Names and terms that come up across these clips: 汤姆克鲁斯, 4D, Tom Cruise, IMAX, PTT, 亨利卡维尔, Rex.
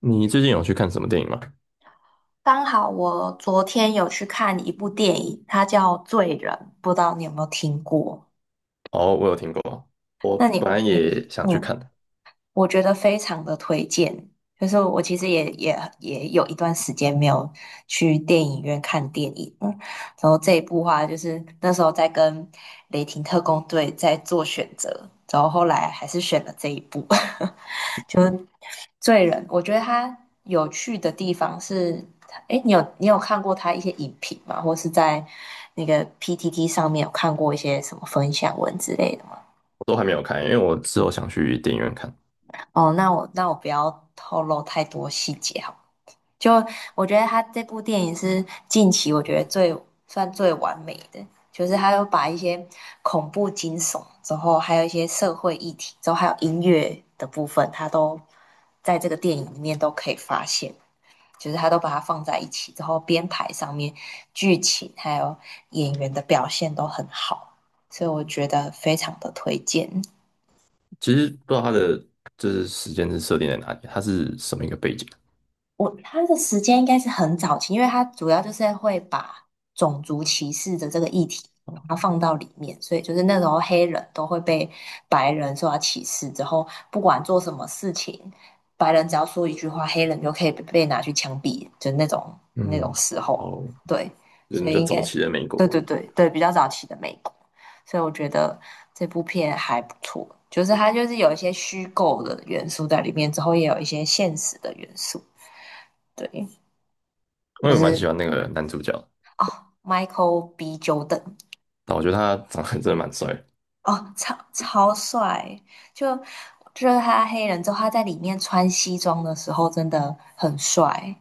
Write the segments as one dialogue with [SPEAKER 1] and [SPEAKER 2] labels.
[SPEAKER 1] 你最近有去看什么电影吗？
[SPEAKER 2] 刚好我昨天有去看一部电影，它叫《罪人》，不知道你有没有听过？
[SPEAKER 1] 哦，我有听过，我
[SPEAKER 2] 那你
[SPEAKER 1] 本来
[SPEAKER 2] 你
[SPEAKER 1] 也想去
[SPEAKER 2] 嗯，
[SPEAKER 1] 看的，
[SPEAKER 2] 我觉得非常的推荐。就是我其实也有一段时间没有去电影院看电影，然后这一部话就是那时候在跟雷霆特工队在做选择，然后后来还是选了这一部，就罪人，我觉得他有趣的地方是，哎，你有看过他一些影评吗？或是在那个 PTT 上面有看过一些什么分享文之类的吗？
[SPEAKER 1] 我都还没有看，因为我之后想去电影院看。
[SPEAKER 2] 哦，那我不要透露太多细节好了。就我觉得他这部电影是近期我觉得算最完美的，就是他有把一些恐怖惊悚之后，还有一些社会议题之后，还有音乐的部分，他都在这个电影里面都可以发现。就是他都把它放在一起之后，编排上面、剧情还有演员的表现都很好，所以我觉得非常的推荐。
[SPEAKER 1] 其实不知道他的就是时间是设定在哪里，他是什么一个背景
[SPEAKER 2] 他的时间应该是很早期，因为他主要就是会把种族歧视的这个议题把
[SPEAKER 1] 啊？
[SPEAKER 2] 它放到里面，所以就是那时候黑人都会被白人受到歧视，之后不管做什么事情，白人只要说一句话，黑人就可以被拿去枪毙，就那种
[SPEAKER 1] 嗯，
[SPEAKER 2] 时候，
[SPEAKER 1] 哦，
[SPEAKER 2] 对，
[SPEAKER 1] 人
[SPEAKER 2] 所
[SPEAKER 1] 是比
[SPEAKER 2] 以
[SPEAKER 1] 较
[SPEAKER 2] 应
[SPEAKER 1] 早
[SPEAKER 2] 该
[SPEAKER 1] 期的美
[SPEAKER 2] 对
[SPEAKER 1] 国
[SPEAKER 2] 对
[SPEAKER 1] 啊，
[SPEAKER 2] 对对，比较早期的美国，所以我觉得这部片还不错，就是它就是有一些虚构的元素在里面，之后也有一些现实的元素。对，
[SPEAKER 1] 因
[SPEAKER 2] 就
[SPEAKER 1] 为我蛮喜
[SPEAKER 2] 是
[SPEAKER 1] 欢那个男主角的，
[SPEAKER 2] 哦，Michael B. Jordan，
[SPEAKER 1] 但我觉得他长得 真的蛮帅的
[SPEAKER 2] 哦，超帅，就就是他黑人之后，他在里面穿西装的时候真的很帅，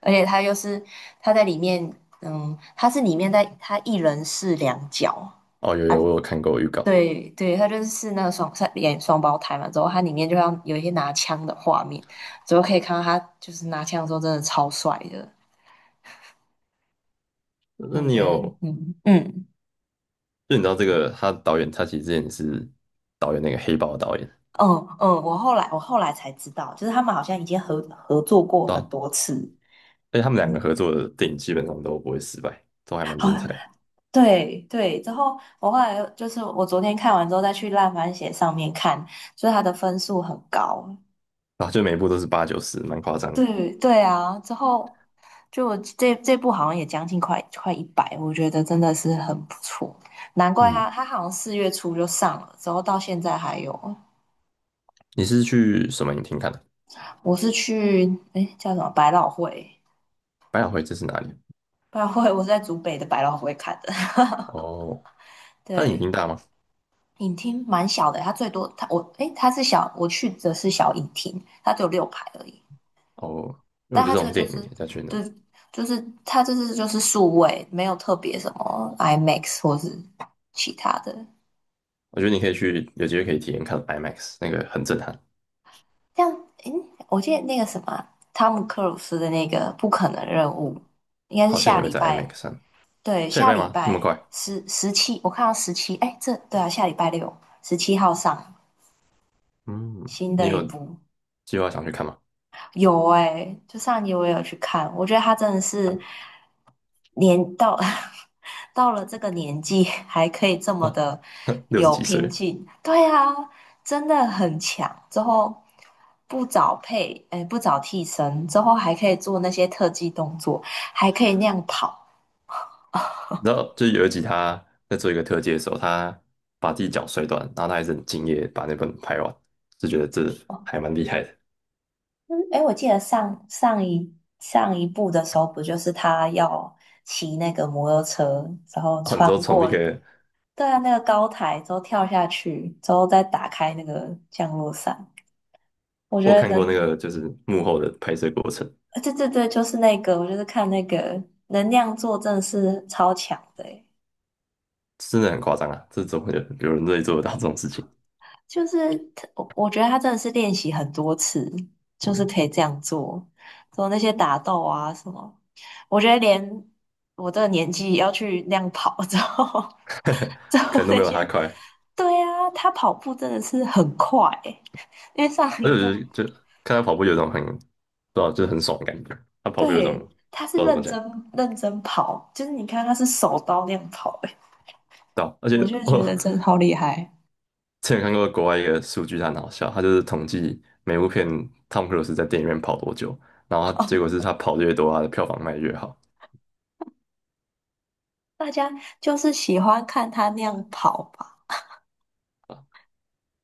[SPEAKER 2] 而且他又是他在里面，他是里面在他一人饰两角
[SPEAKER 1] 哦，有
[SPEAKER 2] 啊，
[SPEAKER 1] 有，我有看过预告。
[SPEAKER 2] 对对，他就是那个他演双胞胎嘛，之后他里面就像有一些拿枪的画面，之后可以看到他就是拿枪的时候真的超帅的，所
[SPEAKER 1] 那
[SPEAKER 2] 以我
[SPEAKER 1] 你
[SPEAKER 2] 觉得，
[SPEAKER 1] 有，
[SPEAKER 2] 嗯嗯。
[SPEAKER 1] 就你知道这个他导演，他其实之前是导演那个黑豹的导演，
[SPEAKER 2] 嗯嗯，我后来才知道，就是他们好像已经合作过
[SPEAKER 1] 对
[SPEAKER 2] 很
[SPEAKER 1] 啊，
[SPEAKER 2] 多次。
[SPEAKER 1] 而且他们两个
[SPEAKER 2] 嗯，
[SPEAKER 1] 合作的电影基本上都不会失败，都还蛮
[SPEAKER 2] 好，
[SPEAKER 1] 精彩的。
[SPEAKER 2] 对对。之后我后来就是我昨天看完之后再去烂番茄上面看，所以它的分数很高。
[SPEAKER 1] 啊，就每一部都是八九十，蛮夸张的。
[SPEAKER 2] 对对啊，之后就我这部好像也将近快一百，我觉得真的是很不错。难怪
[SPEAKER 1] 嗯，
[SPEAKER 2] 他好像4月初就上了，之后到现在还有。
[SPEAKER 1] 你是去什么影厅看的？
[SPEAKER 2] 我是去哎叫什么百老汇，
[SPEAKER 1] 百老汇这是哪里？
[SPEAKER 2] 百老汇我是在竹北的百老汇看的。
[SPEAKER 1] 哦，它的影
[SPEAKER 2] 对，
[SPEAKER 1] 厅大吗？
[SPEAKER 2] 影厅蛮小的，它最多它我诶，它是小，我去的是小影厅，它只有6排而已。
[SPEAKER 1] 哦，因为我
[SPEAKER 2] 但
[SPEAKER 1] 觉得这
[SPEAKER 2] 它这个
[SPEAKER 1] 种
[SPEAKER 2] 就
[SPEAKER 1] 电影
[SPEAKER 2] 是
[SPEAKER 1] 要去那
[SPEAKER 2] 就
[SPEAKER 1] 种，
[SPEAKER 2] 就是它这是就是数位，没有特别什么 IMAX 或是其他的。
[SPEAKER 1] 我觉得你可以去，有机会可以体验看 IMAX，那个很震撼，
[SPEAKER 2] 像诶，我记得那个什么啊汤姆克鲁斯的那个《不可能任务》，应该是
[SPEAKER 1] 好像
[SPEAKER 2] 下
[SPEAKER 1] 也会
[SPEAKER 2] 礼
[SPEAKER 1] 在 IMAX
[SPEAKER 2] 拜，
[SPEAKER 1] 上。
[SPEAKER 2] 对，
[SPEAKER 1] 下礼
[SPEAKER 2] 下
[SPEAKER 1] 拜
[SPEAKER 2] 礼
[SPEAKER 1] 吗？那么
[SPEAKER 2] 拜
[SPEAKER 1] 快？
[SPEAKER 2] 十七，十七我看到十七，诶，这对啊，下礼拜六17号上
[SPEAKER 1] 嗯，
[SPEAKER 2] 新
[SPEAKER 1] 你
[SPEAKER 2] 的一
[SPEAKER 1] 有
[SPEAKER 2] 部，
[SPEAKER 1] 计划想去看吗？
[SPEAKER 2] 有哎、就上集我也有去看，我觉得他真的是年到 到了这个年纪还可以这么的
[SPEAKER 1] 六十
[SPEAKER 2] 有
[SPEAKER 1] 几
[SPEAKER 2] 拼
[SPEAKER 1] 岁，
[SPEAKER 2] 劲，对啊，真的很强。之后不找配，哎、不找替身，之后还可以做那些特技动作，还可以那样跑。
[SPEAKER 1] 你知道就是有一集他在做一个特技的时候，他把自己脚摔断，然后他还是很敬业地把那本拍完，就觉得这还蛮厉害的。
[SPEAKER 2] 哎、我记得上一部的时候，不就是他要骑那个摩托车，然后
[SPEAKER 1] 哦，你
[SPEAKER 2] 穿
[SPEAKER 1] 知道从那
[SPEAKER 2] 过
[SPEAKER 1] 个
[SPEAKER 2] 对啊，那个高台之后跳下去，之后再打开那个降落伞，我觉
[SPEAKER 1] 我
[SPEAKER 2] 得
[SPEAKER 1] 看过那
[SPEAKER 2] 能，
[SPEAKER 1] 个就是幕后的拍摄过程，
[SPEAKER 2] 啊对对对，就是那个，我就是看那个能量做真的是超强的欸
[SPEAKER 1] 真的很夸张啊！这怎么有人可以做得到这种事情？
[SPEAKER 2] 就是他我觉得他真的是练习很多次，就是
[SPEAKER 1] 嗯，
[SPEAKER 2] 可以这样做，做那些打斗啊什么，我觉得连我这个年纪要去那样跑之后，之
[SPEAKER 1] 可
[SPEAKER 2] 后
[SPEAKER 1] 能都
[SPEAKER 2] 那
[SPEAKER 1] 没有他
[SPEAKER 2] 些，
[SPEAKER 1] 快，
[SPEAKER 2] 对啊，他跑步真的是很快欸因为上
[SPEAKER 1] 而
[SPEAKER 2] 一步。
[SPEAKER 1] 且就看他跑步有一种很，不知道就是很爽的感觉。他跑步有一种
[SPEAKER 2] 对，他是
[SPEAKER 1] 不知道怎么
[SPEAKER 2] 认
[SPEAKER 1] 讲，
[SPEAKER 2] 真认真跑，就是你看他是手刀那样跑、欸，
[SPEAKER 1] 对啊，而且
[SPEAKER 2] 我就觉
[SPEAKER 1] 我
[SPEAKER 2] 得 真的好厉害。
[SPEAKER 1] 之前看过国外一个数据，它很好笑，他就是统计每部片汤姆克鲁斯在电影院跑多久，然后他结果是他跑得越多，他的票房卖得越好。
[SPEAKER 2] 大家就是喜欢看他那样跑吧，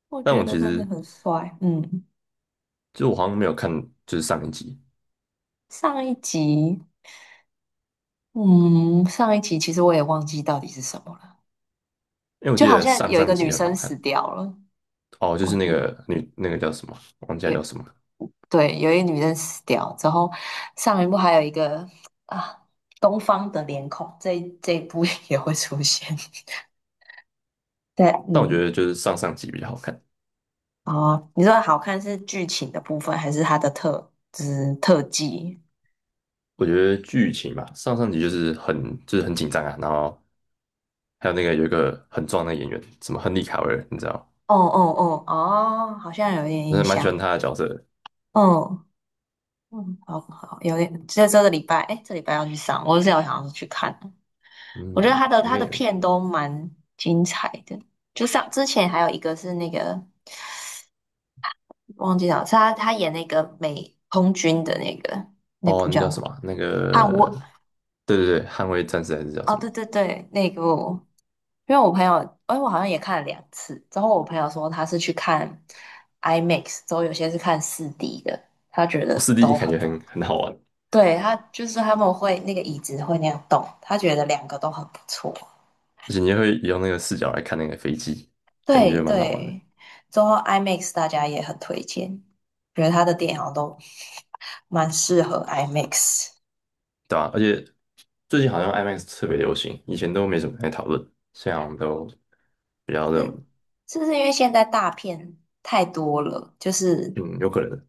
[SPEAKER 2] 我
[SPEAKER 1] 但
[SPEAKER 2] 觉
[SPEAKER 1] 我
[SPEAKER 2] 得
[SPEAKER 1] 其
[SPEAKER 2] 真的
[SPEAKER 1] 实
[SPEAKER 2] 很帅。嗯，
[SPEAKER 1] 就我好像没有看就是上一集，
[SPEAKER 2] 上一集，嗯，上一集其实我也忘记到底是什么了，
[SPEAKER 1] 因为我
[SPEAKER 2] 就
[SPEAKER 1] 记
[SPEAKER 2] 好
[SPEAKER 1] 得
[SPEAKER 2] 像
[SPEAKER 1] 上
[SPEAKER 2] 有一个
[SPEAKER 1] 上
[SPEAKER 2] 女
[SPEAKER 1] 集很
[SPEAKER 2] 生
[SPEAKER 1] 好
[SPEAKER 2] 死
[SPEAKER 1] 看，
[SPEAKER 2] 掉了，
[SPEAKER 1] 哦，就
[SPEAKER 2] 我
[SPEAKER 1] 是那个女那个叫什么，忘记她
[SPEAKER 2] 有
[SPEAKER 1] 叫什么了。
[SPEAKER 2] 对，有一个女生死掉之后，上一部还有一个啊，东方的脸孔，这一部也会出现。对，
[SPEAKER 1] 但我觉
[SPEAKER 2] 嗯。
[SPEAKER 1] 得就是上上集比较好看。
[SPEAKER 2] 哦，你说好看是剧情的部分，还是它的特，就是特技？
[SPEAKER 1] 我觉得剧情吧，上上集就是很就是很紧张啊，然后还有那个有一个很壮的演员，什么亨利卡维尔，你知道吗？
[SPEAKER 2] 哦哦哦哦，好像有点
[SPEAKER 1] 我真
[SPEAKER 2] 印
[SPEAKER 1] 的蛮喜欢
[SPEAKER 2] 象。
[SPEAKER 1] 他的角色的。
[SPEAKER 2] 嗯嗯，好好，有点，这个礼拜，哎，这礼拜要去上，我是有想要去看我觉得
[SPEAKER 1] 嗯，
[SPEAKER 2] 他的
[SPEAKER 1] 应
[SPEAKER 2] 他
[SPEAKER 1] 该
[SPEAKER 2] 的
[SPEAKER 1] 也会去
[SPEAKER 2] 片
[SPEAKER 1] 看。
[SPEAKER 2] 都蛮精彩的，就像之前还有一个是那个忘记了，是他演那个美空军的那个那
[SPEAKER 1] 哦，
[SPEAKER 2] 部
[SPEAKER 1] 那
[SPEAKER 2] 叫
[SPEAKER 1] 叫什么啊？那
[SPEAKER 2] 捍
[SPEAKER 1] 个，
[SPEAKER 2] 卫
[SPEAKER 1] 对对对，捍卫战士还是叫
[SPEAKER 2] 哦，
[SPEAKER 1] 什么？
[SPEAKER 2] 对对对，那个因为我朋友，哎，我好像也看了2次。之后我朋友说他是去看 IMAX，之后有些是看4D 的，他觉得
[SPEAKER 1] 哦，四 D
[SPEAKER 2] 都
[SPEAKER 1] 感
[SPEAKER 2] 很
[SPEAKER 1] 觉
[SPEAKER 2] 棒。
[SPEAKER 1] 很好玩，
[SPEAKER 2] 对，他就是他们会那个椅子会那样动，他觉得两个都很不错。
[SPEAKER 1] 而且你也会用那个视角来看那个飞机，感觉
[SPEAKER 2] 对
[SPEAKER 1] 就蛮好玩的。
[SPEAKER 2] 对，之后 IMAX 大家也很推荐，觉得他的电影好像都蛮适合 IMAX。
[SPEAKER 1] 对啊，而且最近好像 IMAX 特别流行，以前都没怎么太讨论，现在好像都比较热
[SPEAKER 2] 是
[SPEAKER 1] 门。
[SPEAKER 2] 是不是因为现在大片太多了，就是
[SPEAKER 1] 嗯，有可能。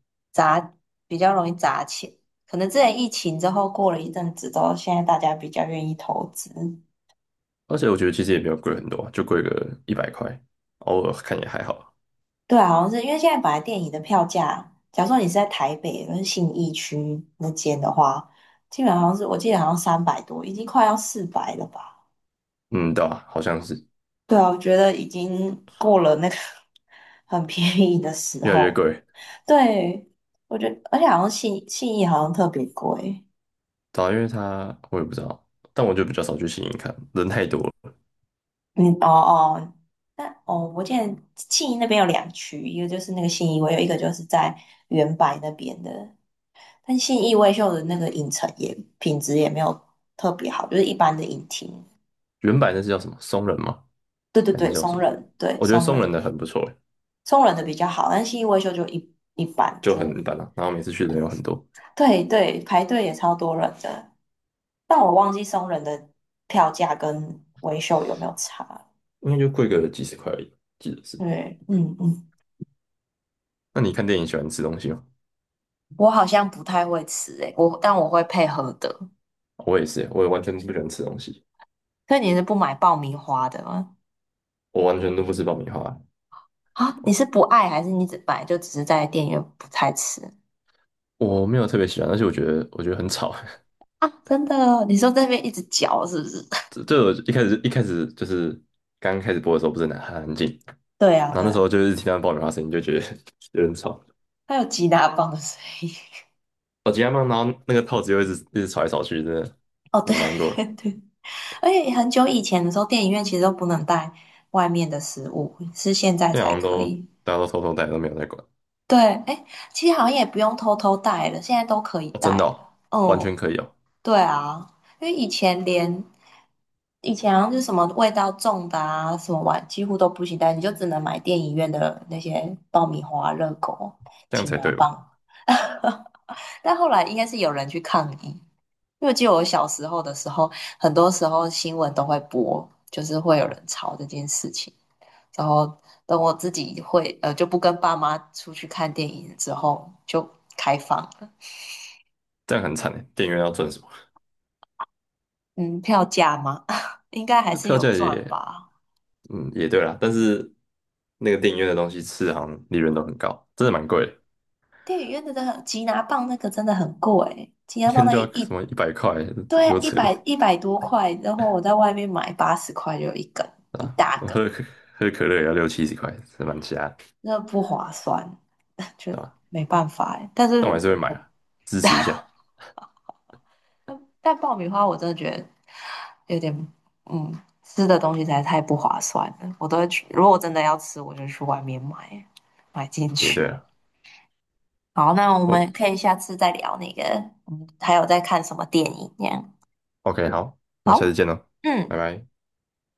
[SPEAKER 2] 比较容易砸钱。可能之前疫情之后过了一阵子之后，现在大家比较愿意投资。
[SPEAKER 1] 而且我觉得其实也没有贵很多啊就贵个一百块，偶尔看也还好。
[SPEAKER 2] 对啊，好像是因为现在本来电影的票价，假如说你是在台北跟信义区那间的话，基本上好像是我记得好像300多，已经快要400了吧？
[SPEAKER 1] 嗯，对啊，好像是
[SPEAKER 2] 对啊，我觉得已经过了那个 很便宜的时
[SPEAKER 1] 越来越
[SPEAKER 2] 候。
[SPEAKER 1] 贵。
[SPEAKER 2] 对，我觉得而且好像信义好像特别贵。
[SPEAKER 1] 对啊，因为它我也不知道，但我就比较少去新影看，人太多了。
[SPEAKER 2] 嗯，哦哦，但哦，我记得信义那边有两区，一个就是那个信义威秀，有一个就是在原白那边的。但信义威秀的那个影城也品质也没有特别好，就是一般的影厅。
[SPEAKER 1] 原版那是叫什么松仁吗？
[SPEAKER 2] 对对
[SPEAKER 1] 还是
[SPEAKER 2] 对，
[SPEAKER 1] 叫什
[SPEAKER 2] 松
[SPEAKER 1] 么？
[SPEAKER 2] 仁，对
[SPEAKER 1] 我觉得
[SPEAKER 2] 松
[SPEAKER 1] 松仁
[SPEAKER 2] 仁，
[SPEAKER 1] 的很不错欸。
[SPEAKER 2] 松仁的比较好，但信义威秀就一般，
[SPEAKER 1] 就很
[SPEAKER 2] 就
[SPEAKER 1] 一般啊。然后每次去的人有很多，
[SPEAKER 2] 对对，排队也超多人的。但我忘记松仁的票价跟威秀有没有差。
[SPEAKER 1] 应该就贵个几十块而已，记得是。
[SPEAKER 2] 对，嗯嗯，
[SPEAKER 1] 那你看电影喜欢吃东西吗？
[SPEAKER 2] 我好像不太会吃诶、但我会配合的。
[SPEAKER 1] 我也是，我也完全不喜欢吃东西，
[SPEAKER 2] 所以你是不买爆米花的吗？
[SPEAKER 1] 我完全都不吃爆米花，
[SPEAKER 2] 啊，你
[SPEAKER 1] 我
[SPEAKER 2] 是不爱还是你只买就只是在店员不太吃
[SPEAKER 1] 我没有特别喜欢，而且我觉得很吵。
[SPEAKER 2] 啊？真的哦你说在那边一直嚼是不是？
[SPEAKER 1] 这我一开始就是刚开始播的时候不是很安静，
[SPEAKER 2] 对啊，
[SPEAKER 1] 然后
[SPEAKER 2] 对
[SPEAKER 1] 那时候
[SPEAKER 2] 啊，
[SPEAKER 1] 就是听到爆米花声音就觉得 有点吵，
[SPEAKER 2] 它有吉大棒的声音。
[SPEAKER 1] 我今天放，然后那个套子又一直一直吵来吵去，真的
[SPEAKER 2] 哦，对
[SPEAKER 1] 蛮难过
[SPEAKER 2] 对
[SPEAKER 1] 的。
[SPEAKER 2] 对，而且很久以前的时候，电影院其实都不能带外面的食物，是现在
[SPEAKER 1] 那在好
[SPEAKER 2] 才
[SPEAKER 1] 像
[SPEAKER 2] 可
[SPEAKER 1] 都
[SPEAKER 2] 以。
[SPEAKER 1] 大家都偷偷戴，都没有在管，
[SPEAKER 2] 对，哎，其实好像也不用偷偷带了，现在都可以
[SPEAKER 1] 哦，真
[SPEAKER 2] 带
[SPEAKER 1] 的
[SPEAKER 2] 了。
[SPEAKER 1] 哦，完
[SPEAKER 2] 嗯，
[SPEAKER 1] 全可以哦，
[SPEAKER 2] 对啊，因为以前连以前好像是什么味道重的啊，什么碗几乎都不行但你就只能买电影院的那些爆米花、热狗、
[SPEAKER 1] 这样
[SPEAKER 2] 擒
[SPEAKER 1] 才
[SPEAKER 2] 拿
[SPEAKER 1] 对吧？
[SPEAKER 2] 棒。但后来应该是有人去抗议，因为我记得我小时候的时候，很多时候新闻都会播，就是会有
[SPEAKER 1] 哦，
[SPEAKER 2] 人吵这件事情。然后等我自己会就不跟爸妈出去看电影之后，就开放了。
[SPEAKER 1] 这样很惨诶，电影院要赚什么？
[SPEAKER 2] 嗯，票价吗？应该还
[SPEAKER 1] 那
[SPEAKER 2] 是
[SPEAKER 1] 票
[SPEAKER 2] 有
[SPEAKER 1] 价
[SPEAKER 2] 赚
[SPEAKER 1] 也
[SPEAKER 2] 吧。
[SPEAKER 1] 嗯，也对啦，但是那个电影院的东西吃好像利润都很高，真的蛮贵的，
[SPEAKER 2] 电影院真的很，吉拿棒那个真的很贵，吉
[SPEAKER 1] 一
[SPEAKER 2] 拿棒
[SPEAKER 1] 天
[SPEAKER 2] 那
[SPEAKER 1] 就
[SPEAKER 2] 一，
[SPEAKER 1] 要什
[SPEAKER 2] 一
[SPEAKER 1] 么一百块，这
[SPEAKER 2] 对啊，
[SPEAKER 1] 够
[SPEAKER 2] 一
[SPEAKER 1] 扯
[SPEAKER 2] 百
[SPEAKER 1] 的
[SPEAKER 2] 一百多块，然后我在外面买80块就有一
[SPEAKER 1] 啊！
[SPEAKER 2] 大
[SPEAKER 1] 我
[SPEAKER 2] 根，
[SPEAKER 1] 喝可乐也要六七十块，是蛮瞎的，
[SPEAKER 2] 那不划算，就
[SPEAKER 1] 对吧？
[SPEAKER 2] 没办法欸。但
[SPEAKER 1] 但我
[SPEAKER 2] 是
[SPEAKER 1] 还是会买
[SPEAKER 2] 我
[SPEAKER 1] 啊，支
[SPEAKER 2] 但
[SPEAKER 1] 持一下，
[SPEAKER 2] 但爆米花我真的觉得有点，嗯，吃的东西实在太不划算了。我都会去，如果我真的要吃，我就去外面买进
[SPEAKER 1] 也对
[SPEAKER 2] 去。
[SPEAKER 1] 了。
[SPEAKER 2] 好，那我
[SPEAKER 1] 哦
[SPEAKER 2] 们可以下次再聊那个，还有在看什么电影这样。
[SPEAKER 1] ，OK，好，那下次
[SPEAKER 2] 好，
[SPEAKER 1] 见喽，拜
[SPEAKER 2] 嗯。
[SPEAKER 1] 拜。